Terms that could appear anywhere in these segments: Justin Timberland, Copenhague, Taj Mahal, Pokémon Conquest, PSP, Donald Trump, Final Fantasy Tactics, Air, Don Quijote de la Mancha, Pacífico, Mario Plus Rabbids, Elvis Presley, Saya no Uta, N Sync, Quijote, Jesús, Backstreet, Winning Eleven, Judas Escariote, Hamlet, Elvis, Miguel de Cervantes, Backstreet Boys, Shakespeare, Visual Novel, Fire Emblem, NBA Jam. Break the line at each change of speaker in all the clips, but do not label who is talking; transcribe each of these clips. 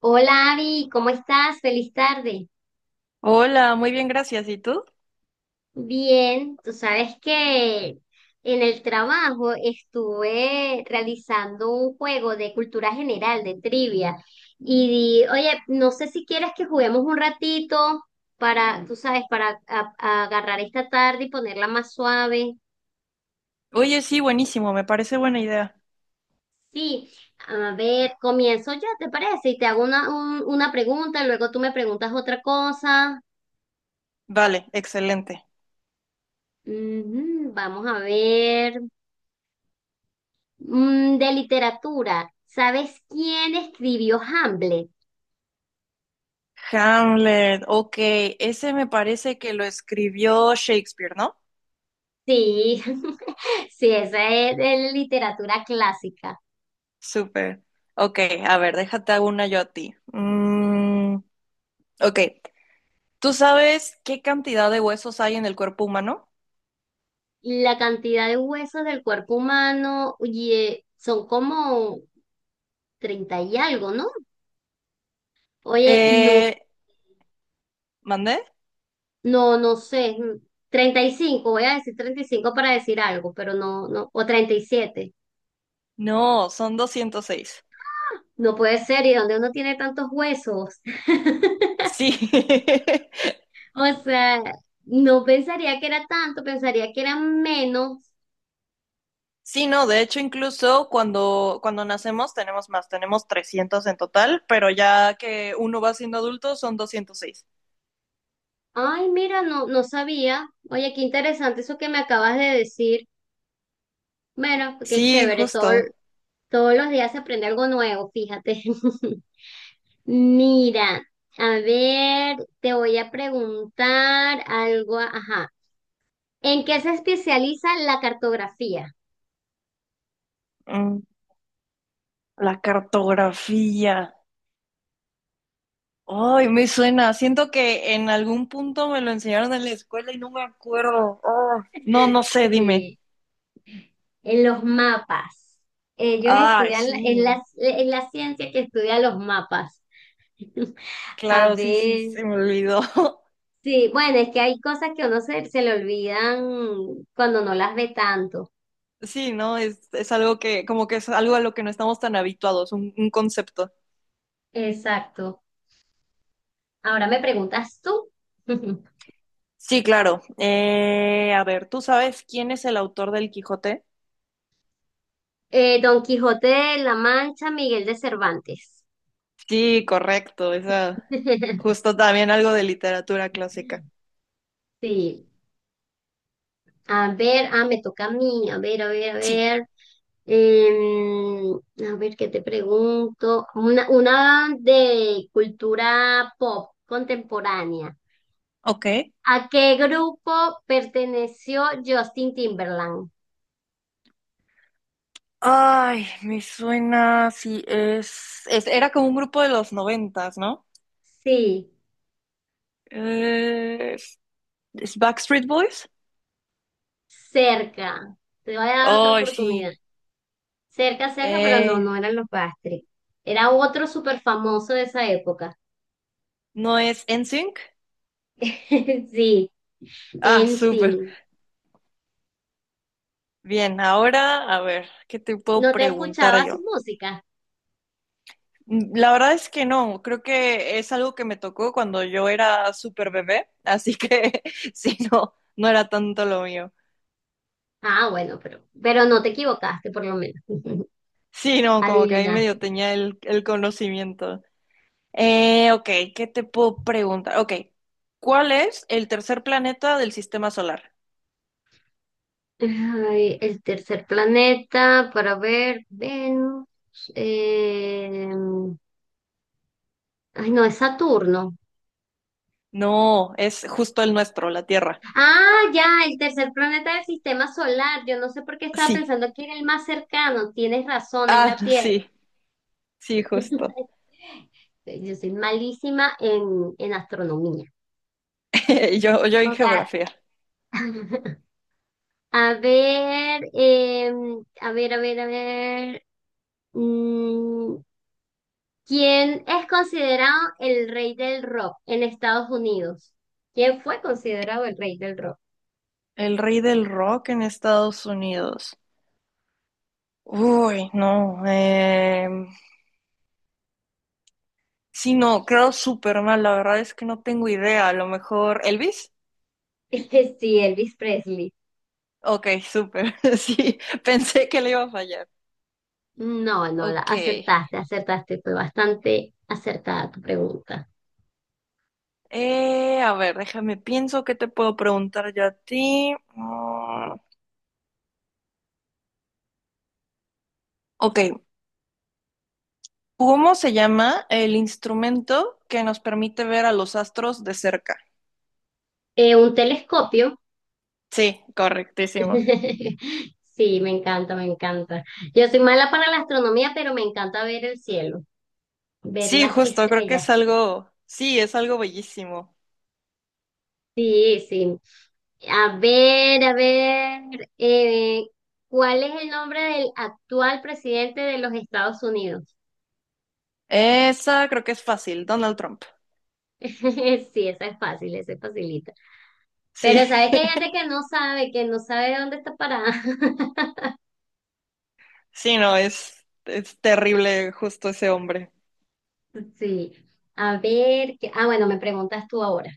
Hola Abby, ¿cómo estás? Feliz tarde.
Hola, muy bien, gracias. ¿Y tú?
Bien, tú sabes que en el trabajo estuve realizando un juego de cultura general, de trivia, y oye, no sé si quieres que juguemos un ratito para, tú sabes, para a agarrar esta tarde y ponerla más suave.
Oye, sí, buenísimo, me parece buena idea.
Sí, a ver, comienzo yo, ¿te parece? Y te hago una, una pregunta, luego tú me preguntas otra cosa.
Vale, excelente.
Ujú, vamos a ver. De literatura, ¿sabes quién escribió Hamlet?
Hamlet, ok, ese me parece que lo escribió Shakespeare, ¿no?
Sí, sí, esa es de literatura clásica.
Súper. Ok, a ver, déjate hago una yo a ti. Ok, ¿tú sabes qué cantidad de huesos hay en el cuerpo humano?
La cantidad de huesos del cuerpo humano, oye, son como 30 y algo, ¿no? Oye, no,
Eh, ¿Mandé?
no, no sé, 35, voy a decir 35 para decir algo, pero no, no, o 37.
No, son 206.
Ah, no puede ser, ¿y dónde uno tiene tantos huesos?
Sí.
O sea, no pensaría que era tanto, pensaría que era menos.
Sí, no, de hecho incluso cuando nacemos tenemos más, tenemos 300 en total, pero ya que uno va siendo adulto son 206.
Ay, mira, no, no sabía. Oye, qué interesante eso que me acabas de decir. Bueno, qué
Sí,
chévere,
justo.
todos los días se aprende algo nuevo, fíjate. Mira, a ver, te voy a preguntar algo, ajá. ¿En qué se especializa la cartografía?
Mm, la cartografía. Ay, me suena. Siento que en algún punto me lo enseñaron en la escuela y no me acuerdo. Oh, no, no sé, dime.
Sí, en los mapas. Ellos
Ay,
estudian,
sí.
es la ciencia que estudia los mapas. A
Claro, sí, sí,
ver,
se me olvidó.
sí, bueno, es que hay cosas que a uno se le olvidan cuando no las ve tanto.
Sí, no, es algo que, como que es algo a lo que no estamos tan habituados, un concepto.
Exacto. Ahora me preguntas tú.
Sí, claro. A ver, ¿tú sabes quién es el autor del Quijote?
Don Quijote de la Mancha, Miguel de Cervantes.
Sí, correcto. Esa, justo también algo de literatura clásica.
Sí. A ver, me toca a mí. A ver, a ver, a
Sí.
ver. Em, a ver, ¿qué te pregunto? Una de cultura pop contemporánea.
Ok.
¿A qué grupo perteneció Justin Timberland?
Ay, me suena, sí, es, era como un grupo de los noventas, ¿no?
Sí,
Eh, ¿es es Backstreet Boys?
cerca. Te voy a dar otra
Ay, sí.
oportunidad. Cerca, cerca, pero no,
Eh,
no eran los Backstreet. Era otro súper famoso de esa época.
¿No es N Sync.
Sí,
Ah,
en
súper.
sí.
Bien, ahora, a ver, ¿qué te puedo
¿No te
preguntar
escuchaba su
yo?
música?
La verdad es que no, creo que es algo que me tocó cuando yo era súper bebé, así que sí, no, no era tanto lo mío.
Ah, bueno, pero no te equivocaste, por lo menos.
Sí, no, como que ahí
Adivinaste.
medio tenía el conocimiento. Ok, ¿qué te puedo preguntar? Ok, ¿cuál es el tercer planeta del sistema solar?
Ay, el tercer planeta, para ver, Venus. eh, Ay, no, es Saturno.
No, es justo el nuestro, la Tierra.
Ah, ya, el tercer planeta del sistema solar. Yo no sé por qué estaba
Sí.
pensando que era el más cercano. Tienes razón, es
Ah,
la Tierra.
sí, sí, justo.
Yo soy malísima en astronomía.
Yo en
O sea,
geografía.
a ver, a ver, a ver, a ver. Mm, ¿Quién es considerado el rey del rock en Estados Unidos? ¿Quién fue considerado el rey del rock?
El rey del rock en Estados Unidos. Uy, no. Sí, no, creo súper mal. La verdad es que no tengo idea. A lo mejor. ¿Elvis?
Sí, Elvis Presley.
Ok, súper. Sí, pensé que le iba a fallar.
No, no, la
Ok.
acertaste, acertaste, fue bastante acertada tu pregunta.
A ver, déjame, pienso que te puedo preguntar yo a ti. Ok, ¿cómo se llama el instrumento que nos permite ver a los astros de cerca?
Un telescopio.
Sí, correctísimo.
Sí, me encanta, me encanta. Yo soy mala para la astronomía, pero me encanta ver el cielo, ver
Sí,
las
justo, creo que
estrellas.
es algo, sí, es algo bellísimo.
Sí, sí. A ver, eh, ¿cuál es el nombre del actual presidente de los Estados Unidos?
Esa creo que es fácil, Donald Trump.
Sí, esa es fácil, esa es facilita.
Sí,
Pero sabes que hay gente que no sabe dónde está parada.
sí, no, es terrible justo ese hombre.
Sí. A ver, bueno, me preguntas tú ahora.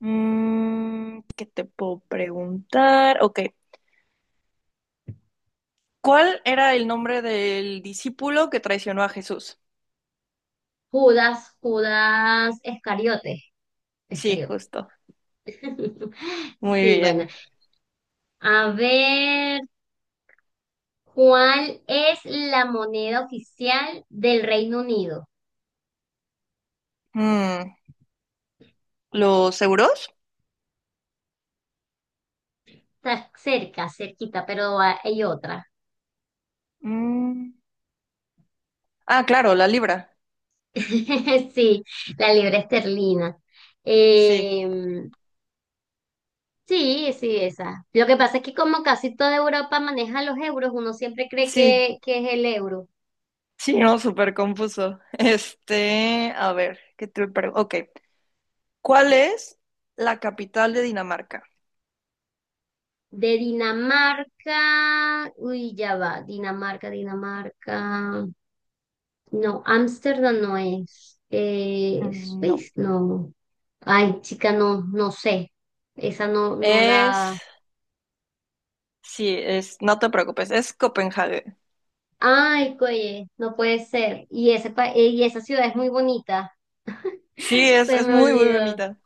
¿Qué te puedo preguntar? Ok, ¿cuál era el nombre del discípulo que traicionó a Jesús?
Judas, Judas Escariote.
Sí,
Escariote.
justo. Muy
Sí, bueno.
bien.
A ver, ¿cuál es la moneda oficial del Reino Unido?
Mm, ¿Los euros?
Está cerca, cerquita, pero hay otra.
Mm, ah, claro, la libra.
Sí, la libra esterlina.
Sí,
Eh, sí, sí, esa. Lo que pasa es que como casi toda Europa maneja los euros, uno siempre cree
sí,
que es el euro.
sí, no, súper confuso. Este, a ver, ¿qué te pregunto? Ok, ¿cuál es la capital de Dinamarca?
De Dinamarca, uy, ya va, Dinamarca, Dinamarca. No, Ámsterdam no es.
Mm, no,
Suiza, no. Ay, chica, no, no sé. Esa no, no
es
la.
sí, es, no te preocupes, es Copenhague.
Ay, coye, no puede ser. Y esa ciudad es muy bonita.
Sí,
Se
es
me
muy, muy
olvidó.
bonita.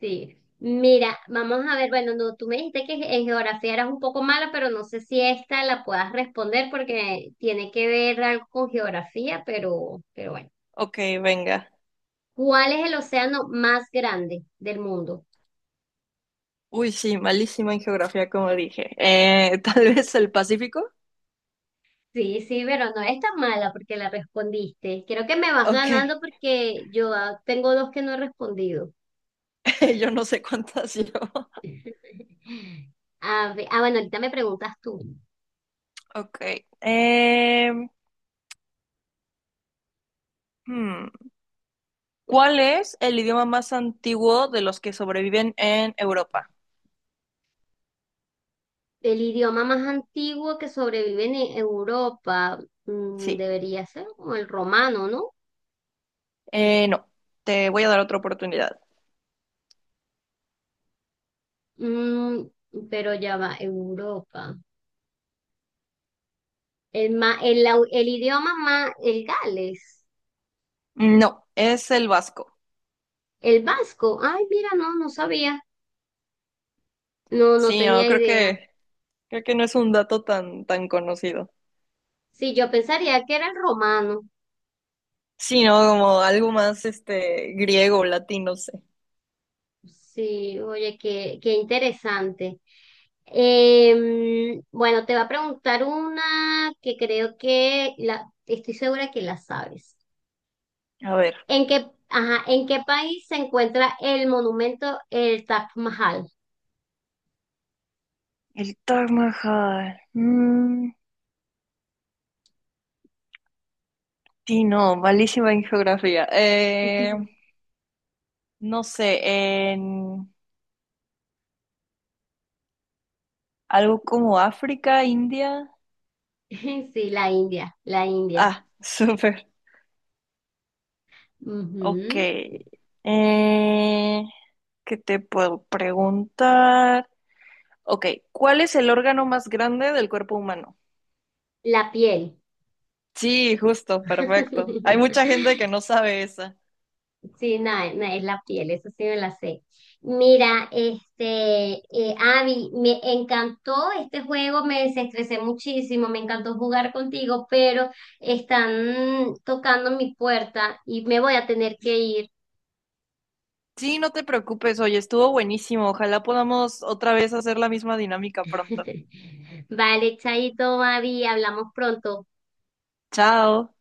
Sí, mira, vamos a ver, bueno, no, tú me dijiste que en geografía eras un poco mala, pero no sé si esta la puedas responder porque tiene que ver algo con geografía, pero bueno.
Ok, venga.
¿Cuál es el océano más grande del mundo?
Uy, sí, malísima en geografía, como dije. Tal vez el Pacífico.
Sí, sí, pero no es tan mala porque la respondiste. Creo que me vas
Ok,
ganando porque yo tengo dos que no he respondido.
yo no sé cuántas yo.
A ver, bueno, ahorita me preguntas tú.
Ok. em, hmm, ¿cuál es el idioma más antiguo de los que sobreviven en Europa?
El idioma más antiguo que sobrevive en Europa
Sí.
debería ser como el romano, ¿no?
No, te voy a dar otra oportunidad.
Mm, pero ya va, Europa. El idioma más, el Gales,
No, es el vasco.
el vasco. Ay, mira, no, no sabía. No, no
Sí, no,
tenía idea.
creo que no es un dato tan, tan conocido.
Sí, yo pensaría que era el romano.
Sí, ¿no? Como algo más este griego, latino, no sé.
Sí, oye, qué interesante. Bueno, te va a preguntar una que creo que estoy segura que la sabes.
A ver,
¿En qué, ajá, en qué país se encuentra el monumento el Taj Mahal?
el Taj Mahal. Sí, no, malísima en geografía.
Ujú.
No sé, en algo como África, India.
Sí, la India, la India.
Ah, súper. Ok.
Ujú.
Eh, ¿Qué te puedo preguntar? Ok, ¿cuál es el órgano más grande del cuerpo humano?
La piel.
Sí, justo, perfecto. Hay mucha gente que no sabe esa.
Sí, no, no, es la piel, eso sí me la sé. Mira, este, Abby, me encantó este juego, me desestresé muchísimo, me encantó jugar contigo, pero están tocando mi puerta y me voy a tener que ir.
Sí, no te preocupes, oye, estuvo buenísimo. Ojalá podamos otra vez hacer la misma dinámica pronto.
Vale, Chaito, Mavi, hablamos pronto.
Chao.